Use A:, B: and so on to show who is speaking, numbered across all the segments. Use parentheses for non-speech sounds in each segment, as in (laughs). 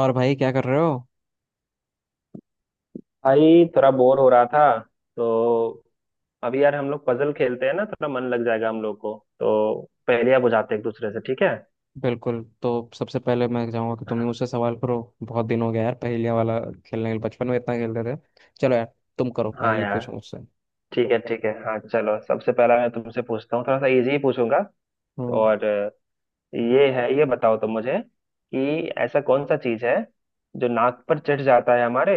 A: और भाई, क्या कर रहे हो?
B: भाई थोड़ा बोर हो रहा था। तो अभी यार हम लोग पजल खेलते हैं ना, थोड़ा मन लग जाएगा हम लोग को। तो पहेलियां बुझाते हैं एक दूसरे से, ठीक है।
A: बिल्कुल। तो सबसे पहले मैं चाहूंगा कि तुम ही मुझसे सवाल करो। बहुत दिन हो गया यार, पहेलियां वाला खेलने के, बचपन में इतना खेलते थे। चलो यार, तुम करो,
B: हाँ
A: पहेली
B: यार,
A: पूछो मुझसे।
B: ठीक है। हाँ चलो, सबसे पहला मैं तुमसे पूछता हूँ, थोड़ा सा इजी ही पूछूंगा।
A: हम्म
B: और अ, ये है, ये बताओ तुम मुझे, कि ऐसा कौन सा चीज है जो नाक पर चढ़ जाता है हमारे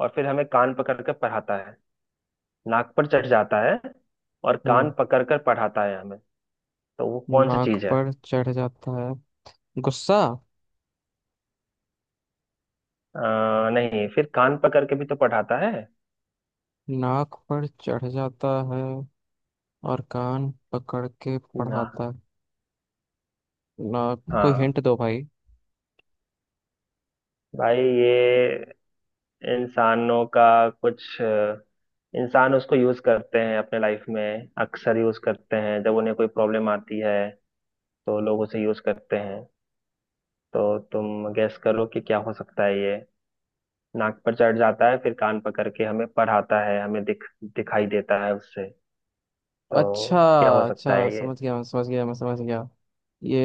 B: और फिर हमें कान पकड़ कर पढ़ाता है। नाक पर चढ़ जाता है और कान
A: हम्म
B: पकड़ कर पढ़ाता है हमें। तो वो कौन सी
A: नाक
B: चीज है।
A: पर चढ़ जाता है। गुस्सा।
B: अ, नहीं, फिर कान पकड़ के भी तो पढ़ाता है
A: नाक पर चढ़ जाता है और कान पकड़ के
B: ना।
A: पढ़ाता है। ना। कोई
B: हाँ
A: हिंट दो भाई।
B: भाई, ये इंसानों का कुछ इंसान उसको यूज करते हैं अपने लाइफ में, अक्सर यूज करते हैं जब उन्हें कोई प्रॉब्लम आती है तो लोग उसे यूज करते हैं। तो तुम गैस करो कि क्या हो सकता है ये। नाक पर चढ़ जाता है, फिर कान पकड़ के हमें पढ़ाता है, हमें दिखाई देता है उससे।
A: अच्छा।
B: तो क्या हो सकता
A: अच्छा,
B: है ये।
A: समझ गया। मैं समझ गया। ये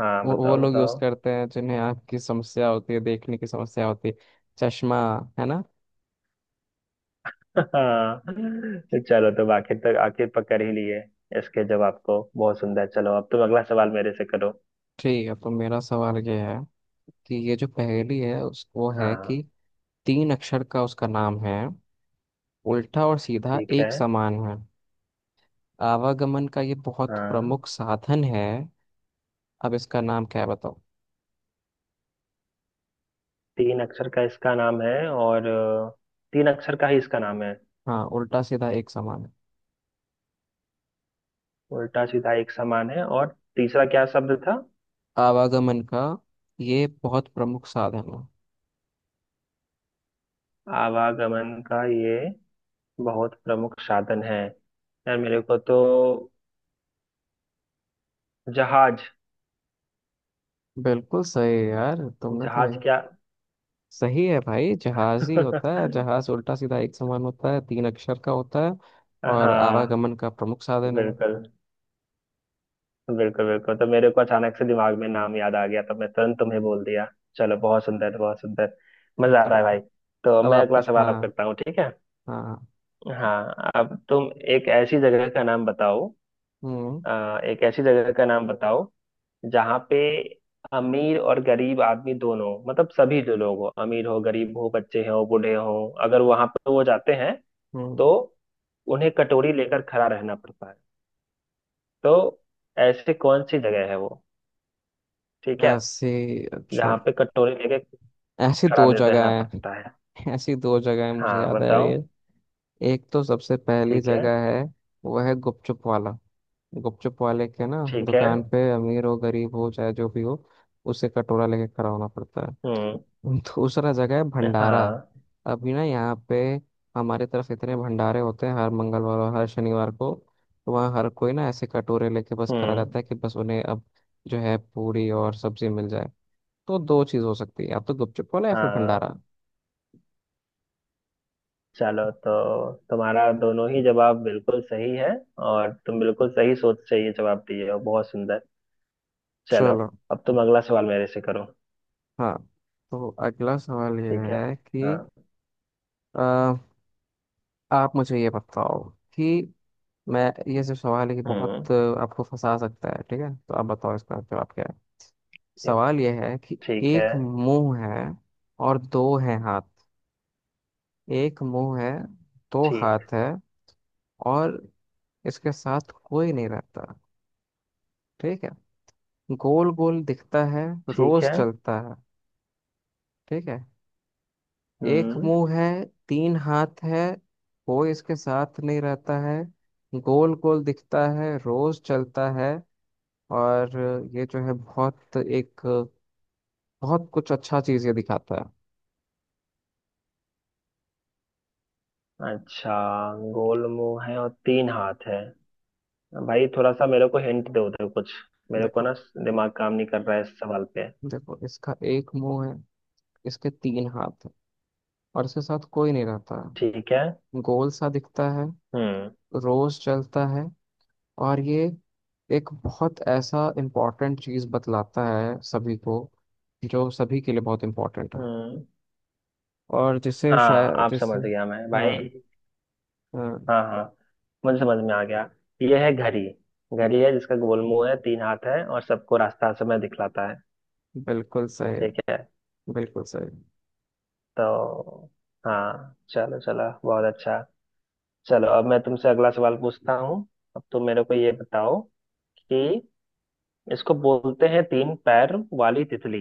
B: हाँ,
A: वो
B: बताओ
A: लोग यूज
B: बताओ।
A: करते हैं जिन्हें आँख की समस्या होती है, देखने की समस्या होती है। चश्मा। है ना।
B: हाँ चलो, तुम आखिर तक आखिर पकड़ ही लिए इसके जवाब को। बहुत सुंदर। चलो अब तुम अगला सवाल मेरे से करो।
A: ठीक है, तो मेरा सवाल ये है कि ये जो पहेली है उस, वो है
B: हाँ
A: कि तीन अक्षर का उसका नाम है, उल्टा और सीधा
B: ठीक है,
A: एक समान है, आवागमन का ये बहुत
B: हाँ।
A: प्रमुख साधन है। अब इसका नाम क्या है बताओ।
B: तीन अक्षर का इसका नाम है और तीन अक्षर का ही इसका नाम है।
A: हाँ, उल्टा सीधा एक समान है,
B: उल्टा सीधा एक समान है, और तीसरा क्या शब्द था।
A: आवागमन का ये बहुत प्रमुख साधन है।
B: आवागमन का ये बहुत प्रमुख साधन है। यार मेरे को तो जहाज।
A: बिल्कुल सही यार, तुमने तो
B: जहाज क्या।
A: सही है भाई। जहाज ही होता है।
B: (laughs)
A: जहाज उल्टा सीधा एक समान होता है, तीन अक्षर का होता है और
B: हाँ,
A: आवागमन का प्रमुख साधन है।
B: बिल्कुल। बिल्कुल। तो मेरे को अचानक से दिमाग में नाम याद आ गया तो मैं तुरंत तुम्हें बोल दिया। चलो, बहुत सुंदर बहुत सुंदर। मजा आ रहा
A: चलो।
B: है भाई। तो
A: अब
B: मैं
A: आप
B: अगला
A: कुछ।
B: सवाल अब
A: हाँ।
B: करता हूँ, ठीक है।
A: हाँ।
B: हाँ, अब तुम एक ऐसी जगह का नाम बताओ।
A: हम्म
B: एक ऐसी जगह का नाम बताओ, जहाँ पे अमीर और गरीब आदमी दोनों, मतलब सभी जो लोग हो, अमीर हो गरीब हो बच्चे हो बूढ़े हो, अगर वहां पर वो जाते हैं
A: हम्म
B: तो उन्हें कटोरी लेकर खड़ा रहना पड़ता है। तो ऐसी कौन सी जगह है वो, ठीक है।
A: ऐसी, अच्छा।
B: जहाँ पे कटोरी लेके
A: ऐसी
B: खड़ा
A: दो जगह
B: रहना
A: है।
B: पड़ता है।
A: (laughs) ऐसी दो जगह है, मुझे
B: हाँ
A: याद आ रही
B: बताओ।
A: है। एक तो सबसे पहली
B: ठीक है।
A: जगह है, वो है गुपचुप वाला। गुपचुप वाले के ना,
B: ठीक है।
A: दुकान पे, अमीर हो गरीब हो चाहे जो भी हो, उसे कटोरा लेके खड़ा होना पड़ता
B: हम्म।
A: है। दूसरा जगह है भंडारा।
B: हाँ।
A: अभी ना, यहाँ पे हमारे तरफ इतने भंडारे होते हैं हर मंगलवार और हर शनिवार को। तो वहाँ हर कोई ना ऐसे कटोरे लेके बस खड़ा
B: हम्म।
A: रहता है कि बस उन्हें अब जो है पूरी और सब्जी मिल जाए। तो दो चीज़ हो सकती है, या तो गुपचुप वाला या फिर
B: हाँ
A: भंडारा।
B: चलो, तो तुम्हारा दोनों ही जवाब बिल्कुल सही है, और तुम बिल्कुल सही सोच से ये जवाब दिए हो। बहुत सुंदर। चलो
A: चलो।
B: अब तुम अगला सवाल मेरे से करो।
A: हाँ, तो अगला सवाल ये
B: ठीक है।
A: है कि
B: हाँ।
A: अ, आप मुझे ये बताओ कि मैं, ये जो सवाल है कि
B: हम्म।
A: बहुत आपको फंसा सकता है। ठीक है, तो आप बताओ इसका जवाब क्या है।
B: ठीक।
A: सवाल यह है कि
B: ठीक है
A: एक मुंह है और दो हैं हाथ। एक मुंह है, दो
B: ठीक
A: हाथ है और इसके साथ कोई नहीं रहता। ठीक है। गोल गोल दिखता है,
B: ठीक
A: रोज
B: है।
A: चलता है। ठीक है। एक
B: हम्म।
A: मुंह है, तीन हाथ है, कोई इसके साथ नहीं रहता है, गोल गोल दिखता है, रोज चलता है। और ये जो है बहुत एक, बहुत कुछ अच्छा चीज ये दिखाता
B: अच्छा, गोल मुंह है और तीन हाथ है। भाई थोड़ा सा मेरे को हिंट दो, दो कुछ।
A: है।
B: मेरे को
A: देखो,
B: ना दिमाग काम नहीं कर रहा है इस सवाल पे।
A: देखो, इसका एक मुंह है, इसके तीन हाथ हैं और इसके साथ कोई नहीं रहता
B: ठीक है।
A: है। गोल सा दिखता है,
B: हम्म।
A: रोज चलता है और ये एक बहुत ऐसा इम्पोर्टेंट चीज़ बतलाता है सभी को, जो सभी के लिए बहुत इम्पोर्टेंट है।
B: हम्म।
A: और जिसे
B: हाँ,
A: शायद
B: आप
A: जिसे,
B: समझ गया मैं भाई।
A: हाँ। हाँ।
B: हाँ हाँ, मुझे समझ में आ गया। यह है घड़ी। घड़ी है जिसका गोल मुंह है, तीन हाथ है, और सबको रास्ता हर समय दिखलाता है।
A: बिल्कुल सही।
B: ठीक है।
A: बिल्कुल सही।
B: तो हाँ चलो चलो, बहुत अच्छा। चलो, अब मैं तुमसे अगला सवाल पूछता हूँ। अब तुम मेरे को ये बताओ, कि इसको बोलते हैं तीन पैर वाली तितली।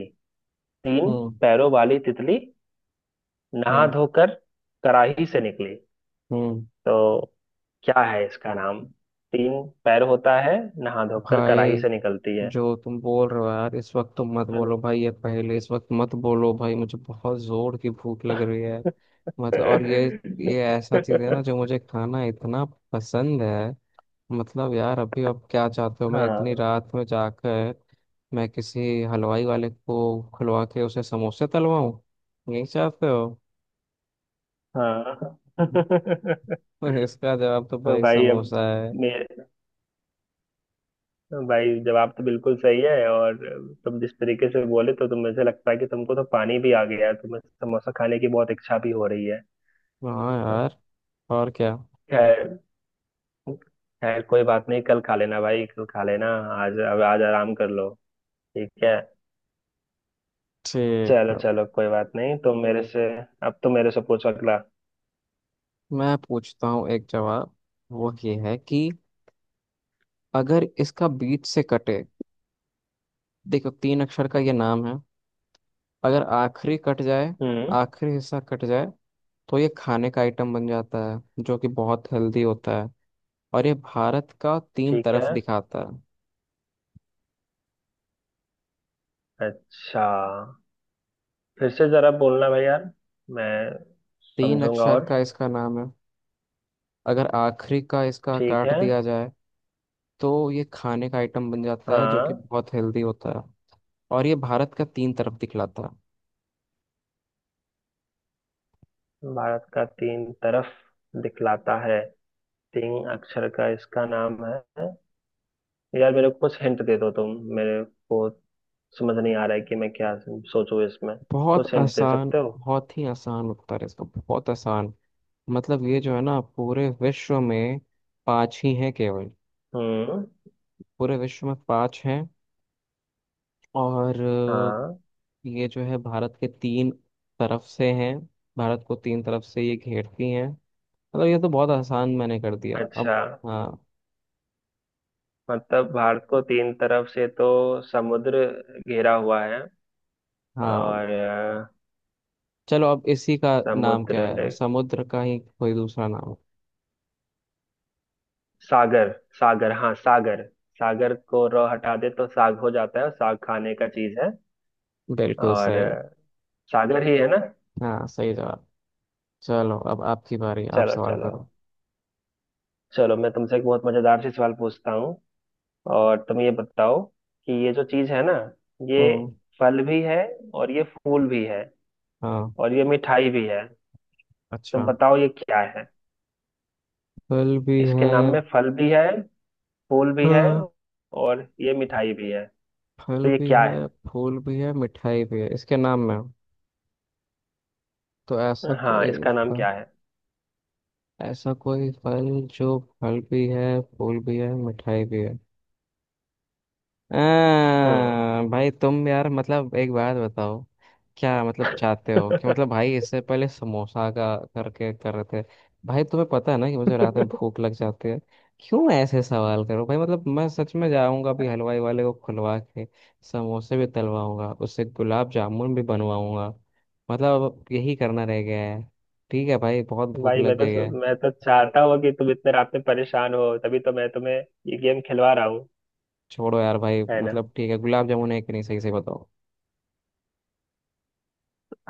B: तीन
A: हम्म
B: पैरों वाली तितली, नहा
A: हम्म
B: धोकर कराही से निकली।
A: हम्म
B: तो क्या है इसका नाम। तीन पैर होता है, नहा धोकर कराही
A: भाई
B: से निकलती है।
A: जो तुम बोल रहे हो यार इस वक्त, तो मत बोलो भाई ये, पहले इस वक्त मत बोलो भाई। मुझे बहुत जोर की भूख लग रही है।
B: (laughs)
A: मतलब, और ये ऐसा चीज है ना जो मुझे खाना इतना पसंद है। मतलब यार, अभी आप क्या चाहते हो, मैं इतनी
B: हाँ
A: रात में जाकर, मैं किसी हलवाई वाले को खुलवा के उसे समोसे तलवाऊं? यही चाहते हो?
B: हाँ।
A: (laughs) तो इसका जवाब तो
B: तो
A: भाई
B: भाई अब
A: समोसा है।
B: मेरे, भाई जवाब तो बिल्कुल सही है, और तुम जिस तरीके से बोले, तो तुम, मुझे लगता है कि तुमको तो पानी भी आ गया है, तुम्हें समोसा खाने की बहुत इच्छा भी हो रही है।
A: हाँ
B: तो
A: यार, और क्या।
B: खैर, खैर कोई बात नहीं, कल खा लेना भाई, कल खा लेना। आज अब आज आराम कर लो, ठीक है।
A: ठीक
B: चलो
A: है,
B: चलो, कोई बात नहीं, तो मेरे से, अब तो मेरे से पूछो अगला।
A: मैं पूछता हूँ एक जवाब। वो ये है कि अगर इसका बीच से कटे, देखो तीन अक्षर का ये नाम है, अगर आखिरी कट जाए,
B: हम्म।
A: आखिरी हिस्सा कट जाए, तो ये खाने का आइटम बन जाता है जो कि बहुत हेल्दी होता है। और ये भारत का तीन
B: ठीक है।
A: तरफ दिखाता है।
B: अच्छा, फिर से जरा बोलना भाई यार, मैं
A: तीन
B: समझूंगा।
A: अक्षर
B: और
A: का इसका नाम है, अगर आखिरी का इसका
B: ठीक
A: काट
B: है,
A: दिया जाए तो ये खाने का आइटम बन जाता है जो कि
B: हाँ।
A: बहुत हेल्दी होता है, और ये भारत का तीन तरफ दिखलाता है।
B: भारत का तीन तरफ दिखलाता है, तीन अक्षर का इसका नाम है। यार मेरे को कुछ हिंट दे दो तुम, मेरे को समझ नहीं आ रहा है कि मैं क्या सोचूं इसमें,
A: बहुत
B: कुछ हिंट दे
A: आसान।
B: सकते हो।
A: बहुत ही आसान उत्तर है इसका, बहुत आसान। मतलब ये जो है ना, पूरे विश्व में पांच ही हैं केवल।
B: हम्म।
A: पूरे विश्व में पांच हैं और
B: हाँ।
A: ये जो है भारत के तीन तरफ से हैं, भारत को तीन तरफ से ये घेरती हैं। मतलब ये तो बहुत आसान मैंने कर दिया अब।
B: अच्छा,
A: हाँ।
B: मतलब भारत को तीन तरफ से तो समुद्र घेरा हुआ है।
A: हाँ,
B: और अ,
A: चलो अब इसी का नाम क्या
B: समुद्र
A: है,
B: ले,
A: समुद्र का ही कोई दूसरा नाम।
B: सागर। सागर, हाँ सागर। सागर को र हटा दे तो साग हो जाता है, और साग खाने का चीज है।
A: बिल्कुल
B: और
A: सही।
B: अ, सागर ही है ना।
A: हाँ, सही जवाब। चलो अब आपकी बारी, आप
B: चलो
A: सवाल
B: चलो,
A: करो।
B: चलो मैं तुमसे एक बहुत मजेदार सी सवाल पूछता हूँ। और तुम ये बताओ, कि ये जो चीज है ना, ये
A: हम्म।
B: फल भी है, और ये फूल भी है,
A: हाँ।
B: और ये मिठाई भी है। तो
A: अच्छा।
B: बताओ ये क्या है।
A: फल भी
B: इसके
A: है।
B: नाम में फल भी है, फूल भी है,
A: हाँ।
B: और ये मिठाई भी है।
A: फल
B: तो ये
A: भी
B: क्या है।
A: है, फूल भी है, मिठाई भी है इसके नाम में हो। तो ऐसा
B: हाँ,
A: कोई
B: इसका नाम
A: फल,
B: क्या है।
A: ऐसा कोई फल जो फल भी है, फूल भी है, मिठाई भी है। आ,
B: हम्म।
A: भाई तुम यार, मतलब एक बात बताओ, क्या मतलब
B: (laughs)
A: चाहते हो कि, मतलब भाई, इससे पहले समोसा का करके कर रहे थे। भाई तुम्हें पता है ना कि मुझे रात में भूख लग जाती है। क्यों ऐसे सवाल करो भाई? मतलब मैं सच में जाऊंगा अभी हलवाई वाले को खुलवा के, समोसे भी तलवाऊंगा उससे, गुलाब जामुन भी बनवाऊंगा। मतलब अब यही करना रह गया है। ठीक है भाई, बहुत भूख
B: भाई
A: लग
B: मैं
A: गई
B: तो
A: है।
B: मैं तो चाहता हूँ कि तुम इतने रात में परेशान हो, तभी तो मैं तुम्हें ये गेम खिलवा रहा हूँ,
A: छोड़ो यार भाई,
B: है ना।
A: मतलब ठीक है, गुलाब जामुन है कि नहीं सही से बताओ।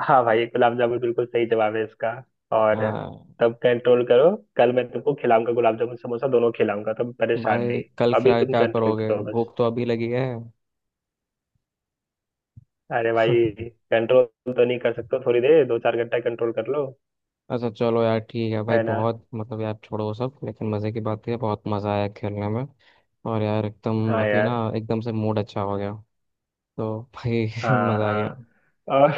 B: हाँ भाई, गुलाब जामुन बिल्कुल सही जवाब है इसका। और
A: हाँ
B: तब कंट्रोल करो, कल मैं तुमको खिलाऊंगा, गुलाब जामुन समोसा दोनों खिलाऊंगा, तुम परेशान
A: भाई,
B: नहीं।
A: कल
B: अभी
A: खिला के
B: तुम
A: क्या
B: कंट्रोल
A: करोगे,
B: करो बस।
A: भूख तो अभी लगी है। (laughs)
B: अरे भाई, कंट्रोल तो नहीं कर सकते थोड़ी देर, दो चार घंटा कंट्रोल कर लो।
A: अच्छा, चलो यार ठीक है भाई,
B: है ना।
A: बहुत मतलब यार, छोड़ो वो सब। लेकिन मज़े की बात है, बहुत मज़ा आया खेलने में। और यार एकदम,
B: हाँ
A: अभी ना
B: यार।
A: एकदम से मूड अच्छा हो गया। तो भाई, (laughs)
B: हाँ
A: मज़ा आ गया।
B: हाँ। और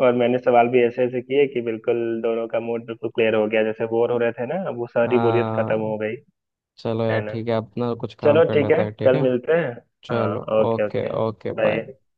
B: और मैंने सवाल भी ऐसे ऐसे किए कि बिल्कुल दोनों का मूड बिल्कुल क्लियर हो गया, जैसे बोर हो रहे थे ना, अब वो सारी बोरियत
A: आ,
B: खत्म हो गई।
A: चलो यार
B: है ना।
A: ठीक है, अपना कुछ काम
B: चलो
A: कर
B: ठीक
A: लेते
B: है,
A: हैं, ठीक
B: कल
A: है।
B: मिलते हैं। हाँ,
A: चलो।
B: Okay
A: okay,
B: okay,
A: okay, bye.
B: Bye.